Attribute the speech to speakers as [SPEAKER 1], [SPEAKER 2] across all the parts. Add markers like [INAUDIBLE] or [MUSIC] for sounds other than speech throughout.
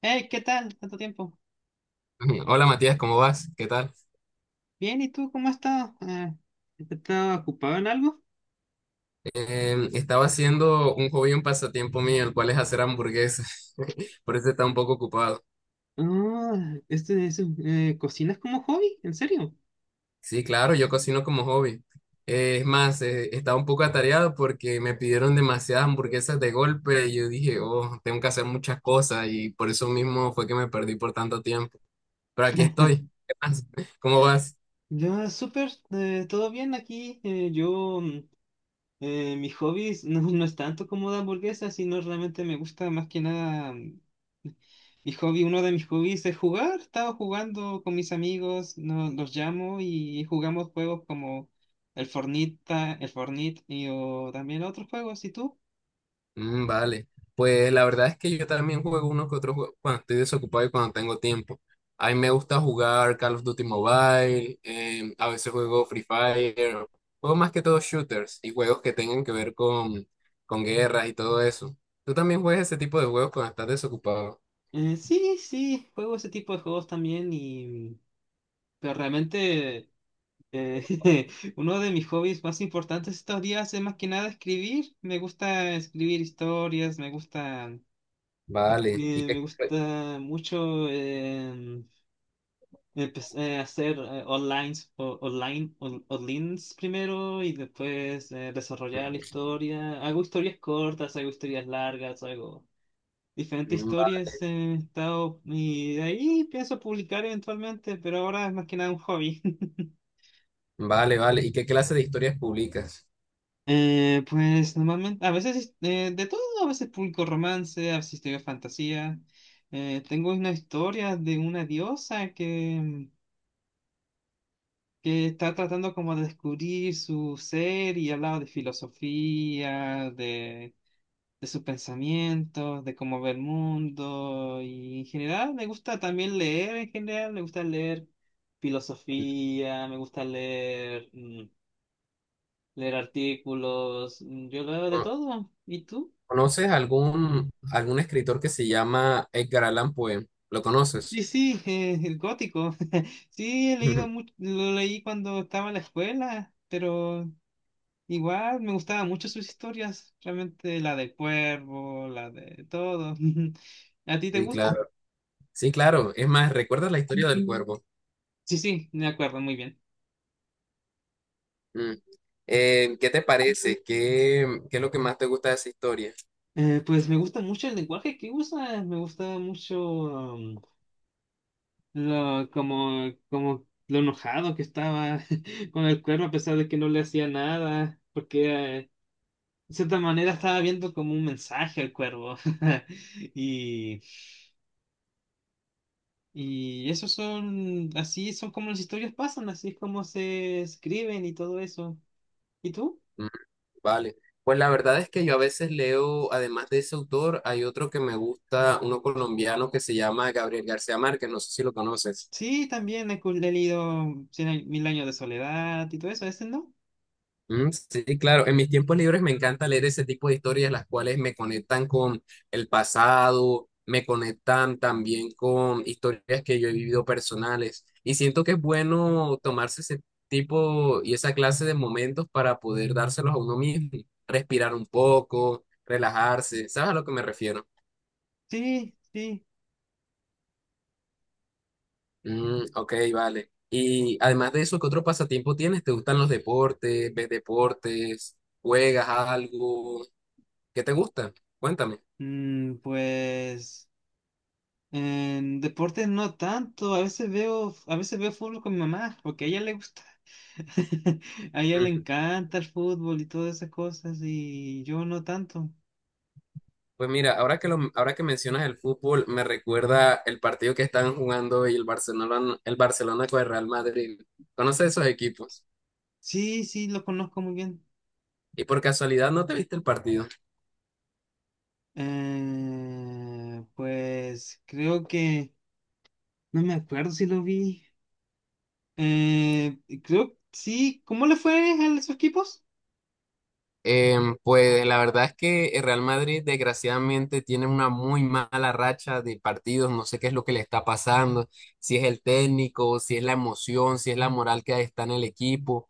[SPEAKER 1] Hey, ¿qué tal? ¿Tanto tiempo?
[SPEAKER 2] Hola Matías, ¿cómo vas? ¿Qué tal?
[SPEAKER 1] Bien, ¿y tú cómo has estado? ¿Estás ocupado en algo?
[SPEAKER 2] Estaba haciendo un hobby, un pasatiempo mío, el cual es hacer hamburguesas. [LAUGHS] Por eso está un poco ocupado.
[SPEAKER 1] Ah, este, es, ¿Cocinas como hobby? ¿En serio?
[SPEAKER 2] Sí, claro, yo cocino como hobby. Es más, estaba un poco atareado porque me pidieron demasiadas hamburguesas de golpe y yo dije, oh, tengo que hacer muchas cosas y por eso mismo fue que me perdí por tanto tiempo. Pero aquí estoy. ¿Qué más? [LAUGHS] ¿Cómo
[SPEAKER 1] Ah,
[SPEAKER 2] vas?
[SPEAKER 1] Ya, súper, todo bien aquí. Mis hobbies no es tanto como de hamburguesas, sino realmente me gusta más que nada. Mi hobby, uno de mis hobbies es jugar. Estaba jugando con mis amigos, los llamo y jugamos juegos como el Fornita, el Fornite y o también otros juegos. ¿Y tú?
[SPEAKER 2] Mm, vale, pues la verdad es que yo también juego uno que otro juego cuando estoy desocupado y cuando tengo tiempo. A mí me gusta jugar Call of Duty Mobile, a veces juego Free Fire, juego más que todo shooters y juegos que tengan que ver con guerras y todo eso. ¿Tú también juegas ese tipo de juegos cuando estás desocupado?
[SPEAKER 1] Sí, sí, juego ese tipo de juegos también y... Pero realmente eh, [LAUGHS] uno de mis hobbies más importantes estos días es más que nada escribir. Me gusta escribir historias,
[SPEAKER 2] Vale, ¿y
[SPEAKER 1] me
[SPEAKER 2] qué,
[SPEAKER 1] gusta mucho hacer online, online, onlines primero y después desarrollar la historia. Hago historias cortas, hago historias largas, hago... diferentes
[SPEAKER 2] Mm, va-
[SPEAKER 1] historias he estado y de ahí pienso publicar eventualmente, pero ahora es más que nada un hobby. [LAUGHS]
[SPEAKER 2] vale, ¿y qué clase de historias publicas?
[SPEAKER 1] Pues normalmente, a veces de todo, a veces publico romance, a veces escribo fantasía. Tengo una historia de una diosa que está tratando como de descubrir su ser y hablaba de filosofía, de sus pensamientos, de cómo ve el mundo y en general me gusta también leer, en general me gusta leer filosofía, me gusta leer, leer artículos, yo leo de
[SPEAKER 2] ¿Cono-
[SPEAKER 1] todo. ¿Y tú?
[SPEAKER 2] ¿Conoces algún, algún escritor que se llama Edgar Allan Poe? ¿Lo
[SPEAKER 1] Sí,
[SPEAKER 2] conoces?
[SPEAKER 1] sí, el gótico. [LAUGHS] Sí, he leído
[SPEAKER 2] [LAUGHS]
[SPEAKER 1] mucho, lo leí cuando estaba en la escuela, pero igual me gustaban mucho sus historias, realmente la del cuervo, la de todo. [LAUGHS] ¿A ti te
[SPEAKER 2] Sí,
[SPEAKER 1] gusta?
[SPEAKER 2] claro. Sí, claro. Es más, ¿recuerdas la historia del cuervo?
[SPEAKER 1] Sí, sí, me acuerdo muy bien.
[SPEAKER 2] Mm. ¿Qué te parece? ¿Qué, qué es lo que más te gusta de esa historia?
[SPEAKER 1] Pues me gusta mucho el lenguaje que usa, me gusta mucho um, lo, como, como lo enojado que estaba [LAUGHS] con el cuervo a pesar de que no le hacía nada, porque eh, de cierta manera estaba viendo como un mensaje al cuervo. [LAUGHS] Y, y eso son, así son como las historias pasan, así es como se escriben y todo eso. ¿Y tú?
[SPEAKER 2] Mm, vale. Pues la verdad es que yo a veces leo, además de ese autor, hay otro que me gusta, uno colombiano que se llama Gabriel García Márquez, no sé si lo conoces.
[SPEAKER 1] Sí, también he leído Mil Años de Soledad y todo eso, ¿ese no?
[SPEAKER 2] Mm, sí, claro. En mis tiempos libres me encanta leer ese tipo de historias, las cuales me conectan con el pasado, me conectan también con historias que yo he vivido personales. Y siento que es bueno tomarse ese tipo y esa clase de momentos para poder dárselos a uno mismo, respirar un poco, relajarse. ¿Sabes a lo que me refiero?
[SPEAKER 1] Sí, sí.
[SPEAKER 2] Mm, ok, vale. Y además de eso, ¿qué otro pasatiempo tienes? ¿Te gustan los deportes? ¿Ves deportes? ¿Juegas algo? ¿Qué te gusta? Cuéntame.
[SPEAKER 1] Mm, pues en deporte no tanto, a veces veo fútbol con mi mamá, porque a ella le gusta, [LAUGHS] a ella le
[SPEAKER 2] Ujú.
[SPEAKER 1] encanta el fútbol y todas esas cosas, y yo no tanto.
[SPEAKER 2] Pues mira, ahora que lo, ahora que mencionas el fútbol, me recuerda el partido que estaban jugando y el Barcelona con el Real Madrid. ¿Conoces esos equipos?
[SPEAKER 1] Sí, sí, lo conozco muy bien.
[SPEAKER 2] Y por casualidad no te viste el partido.
[SPEAKER 1] Pues creo que, no me acuerdo si lo vi. Eh, creo, sí, ¿cómo le fue a esos equipos?
[SPEAKER 2] Pues la verdad es que el Real Madrid desgraciadamente tiene una muy mala racha de partidos, no sé qué es lo que le está pasando, si es el técnico, si es la emoción, si es la moral que está en el equipo.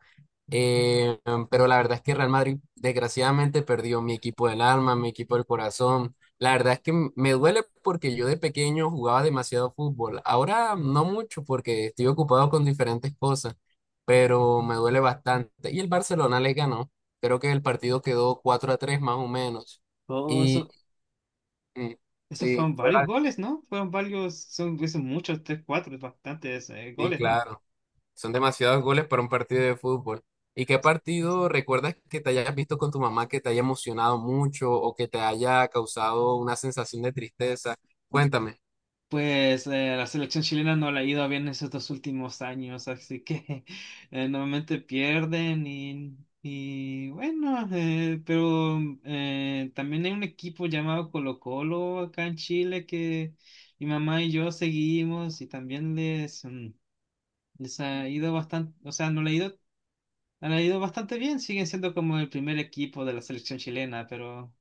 [SPEAKER 2] Em, pero la verdad es que Real Madrid desgraciadamente perdió, mi equipo del alma, mi equipo del corazón, la verdad es que me duele porque yo de pequeño jugaba demasiado fútbol, ahora no mucho porque estoy ocupado con diferentes cosas, pero me duele bastante y el Barcelona le ganó. Creo que el partido quedó 4-3 más o menos. Y
[SPEAKER 1] Oh,
[SPEAKER 2] mm,
[SPEAKER 1] esos
[SPEAKER 2] sí,
[SPEAKER 1] fueron
[SPEAKER 2] fue
[SPEAKER 1] varios
[SPEAKER 2] bas-
[SPEAKER 1] goles, ¿no? Fueron varios, son, son muchos, tres, cuatro, bastantes
[SPEAKER 2] sí,
[SPEAKER 1] goles, ¿no?
[SPEAKER 2] claro. Son demasiados goles para un partido de fútbol. ¿Y qué partido recuerdas que te hayas visto con tu mamá que te haya emocionado mucho o que te haya causado una sensación de tristeza? Cuéntame.
[SPEAKER 1] Pues la selección chilena no le ha ido bien en esos dos últimos años, así que [LAUGHS] normalmente pierden y bueno, pero también hay un equipo llamado Colo Colo acá en Chile que mi mamá y yo seguimos y también les, les ha ido bastante, o sea, no le ha ido. Han ido bastante bien, siguen siendo como el primer equipo de la selección chilena, pero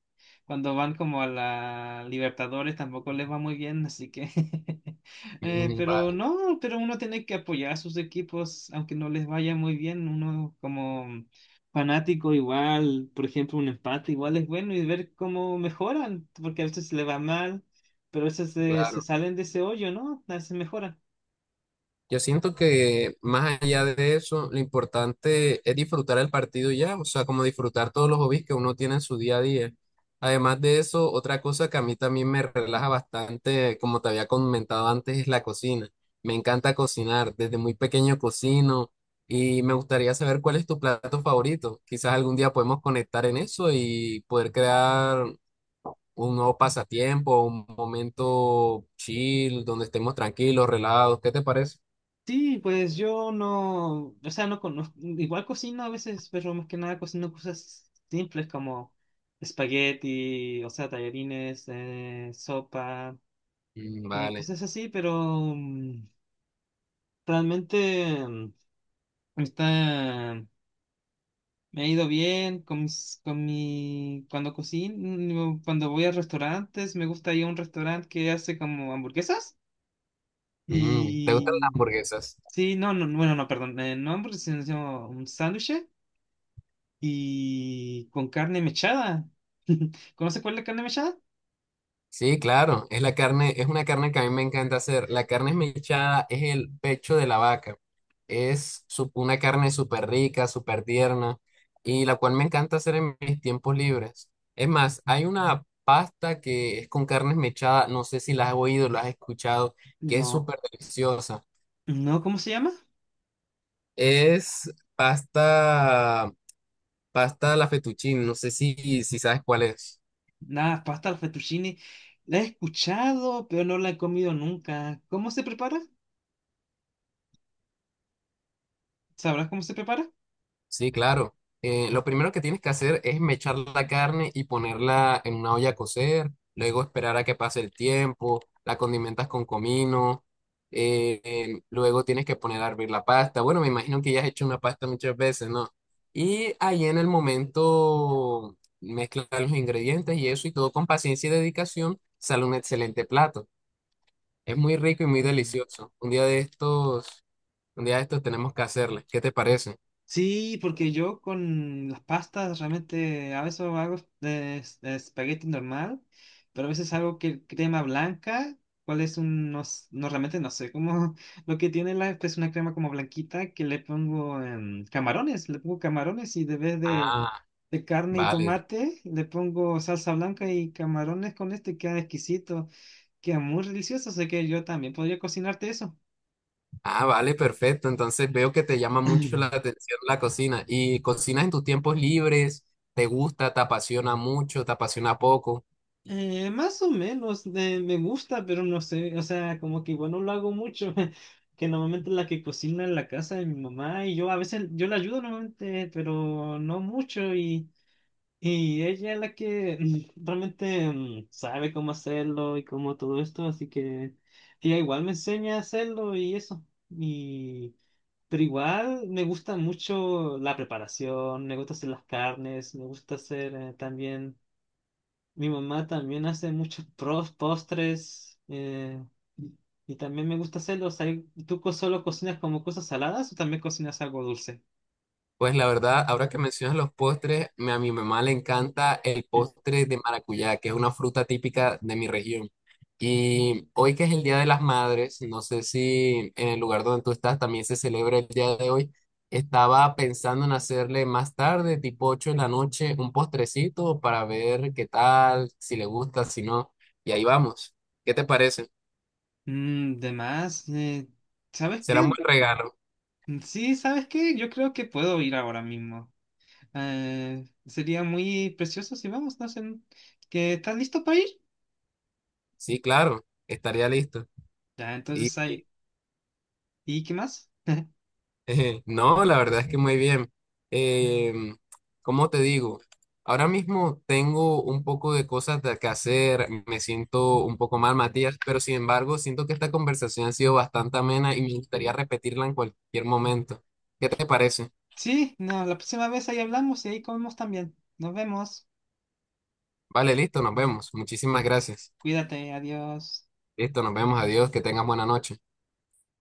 [SPEAKER 1] cuando van como a la Libertadores tampoco les va muy bien, así que... [LAUGHS]
[SPEAKER 2] Mm,
[SPEAKER 1] pero
[SPEAKER 2] vale,
[SPEAKER 1] no, pero uno tiene que apoyar a sus equipos, aunque no les vaya muy bien, uno como fanático igual, por ejemplo, un empate igual es bueno y ver cómo mejoran, porque a veces le va mal, pero a veces se
[SPEAKER 2] claro.
[SPEAKER 1] salen de ese hoyo, ¿no? A veces mejoran.
[SPEAKER 2] Yo siento que más allá de eso, lo importante es disfrutar el partido y ya, o sea, como disfrutar todos los hobbies que uno tiene en su día a día. Además de eso, otra cosa que a mí también me relaja bastante, como te había comentado antes, es la cocina. Me encanta cocinar, desde muy pequeño cocino y me gustaría saber cuál es tu plato favorito. Quizás algún día podemos conectar en eso y poder crear un nuevo pasatiempo, un momento chill, donde estemos tranquilos, relajados. ¿Qué te parece?
[SPEAKER 1] Sí, pues yo no, o sea, no conozco, igual cocino a veces, pero más que nada cocino cosas simples como espagueti, o sea, tallarines, sopa,
[SPEAKER 2] Mm, vale.
[SPEAKER 1] cosas así, pero mm, realmente mm, está, me ha ido bien con mis, con mi, cuando cocino, cuando voy a restaurantes, me gusta ir a un restaurante que hace como hamburguesas
[SPEAKER 2] Mm, ¿te gustan las
[SPEAKER 1] y,
[SPEAKER 2] hamburguesas?
[SPEAKER 1] sí, no, no, bueno, no, perdón, no hamburguesas, sino un sándwich y con carne mechada. [LAUGHS] ¿Conoces cuál es la carne mechada?
[SPEAKER 2] Sí, claro. Es la carne, es una carne que a mí me encanta hacer. La carne esmechada es el pecho de la vaca. Es una carne súper rica, súper tierna y la cual me encanta hacer en mis tiempos libres. Es más, hay una pasta que es con carne esmechada, no sé si la has oído, la has escuchado, que es
[SPEAKER 1] No,
[SPEAKER 2] súper deliciosa.
[SPEAKER 1] no, ¿cómo se llama?
[SPEAKER 2] Es pasta, pasta a la fettuccine, no sé si, si sabes cuál es.
[SPEAKER 1] La pasta al fettuccine. La he escuchado, pero no la he comido nunca. ¿Cómo se prepara? ¿Sabrás cómo se prepara?
[SPEAKER 2] Sí, claro. Lo primero que tienes que hacer es mechar la carne y ponerla en una olla a cocer, luego esperar a que pase el tiempo, la condimentas con comino, luego tienes que poner a hervir la pasta. Bueno, me imagino que ya has hecho una pasta muchas veces, ¿no? Y ahí en el momento mezclas los ingredientes y eso y todo con paciencia y dedicación sale un excelente plato. Es muy rico y muy delicioso. Un día de estos tenemos que hacerle. ¿Qué te parece?
[SPEAKER 1] Sí, porque yo con las pastas realmente a veces hago de, de espagueti normal, pero a veces hago que crema blanca, cuál es un, no, no, realmente no sé, cómo [LAUGHS] lo que tiene la, es una crema como blanquita que le pongo camarones, le pongo camarones y de vez
[SPEAKER 2] Ah,
[SPEAKER 1] de carne y
[SPEAKER 2] vale.
[SPEAKER 1] tomate le pongo salsa blanca y camarones con este, queda exquisito, queda muy delicioso, así que yo también podría cocinarte eso.
[SPEAKER 2] Ah, vale, perfecto. Entonces veo que te llama mucho la
[SPEAKER 1] [CLEARS THROAT]
[SPEAKER 2] atención la cocina. ¿Y cocinas en tus tiempos libres? ¿Te gusta? ¿Te apasiona mucho? ¿Te apasiona poco?
[SPEAKER 1] Más o menos, me gusta, pero no sé, o sea, como que igual no lo hago mucho, [LAUGHS] que normalmente la que cocina en la casa de mi mamá y yo a veces, yo la ayudo normalmente, pero no mucho y ella es la que [LAUGHS] sabe cómo hacerlo y cómo todo esto, así que ella igual me enseña a hacerlo y eso, y, pero igual me gusta mucho la preparación, me gusta hacer las carnes, me gusta hacer también... Mi mamá también hace muchos postres y también me gusta hacerlos. ¿Tú solo cocinas como cosas saladas o también cocinas algo dulce?
[SPEAKER 2] Pues la verdad, ahora que mencionas los postres, a mi mamá le encanta el postre de maracuyá, que es una fruta típica de mi región. Y hoy que es el Día de las Madres, no sé si en el lugar donde tú estás también se celebra el día de hoy, estaba pensando en hacerle más tarde, tipo 8 de la noche, un postrecito para ver qué tal, si le gusta, si no. Y ahí vamos. ¿Qué te parece?
[SPEAKER 1] Mm, de más, ¿sabes
[SPEAKER 2] Será un
[SPEAKER 1] qué?
[SPEAKER 2] buen regalo.
[SPEAKER 1] Sí, ¿sabes qué? Yo creo que puedo ir ahora mismo. Sería muy precioso si vamos, no sé, ¿que estás listo para ir?
[SPEAKER 2] Sí, claro, estaría listo.
[SPEAKER 1] Ya,
[SPEAKER 2] Y
[SPEAKER 1] entonces ahí. ¿Y qué más? [LAUGHS]
[SPEAKER 2] [LAUGHS] No, la verdad es que muy bien. Em, ¿Cómo te digo? Ahora mismo tengo un poco de cosas que hacer, me siento un poco mal, Matías, pero sin embargo siento que esta conversación ha sido bastante amena y me gustaría repetirla en cualquier momento. ¿Qué te parece?
[SPEAKER 1] Sí, no, la próxima vez ahí hablamos y ahí comemos también. Nos vemos.
[SPEAKER 2] Vale, listo, nos vemos. Muchísimas gracias.
[SPEAKER 1] Cuídate, adiós.
[SPEAKER 2] Listo, nos vemos. Adiós, que tengas buena noche.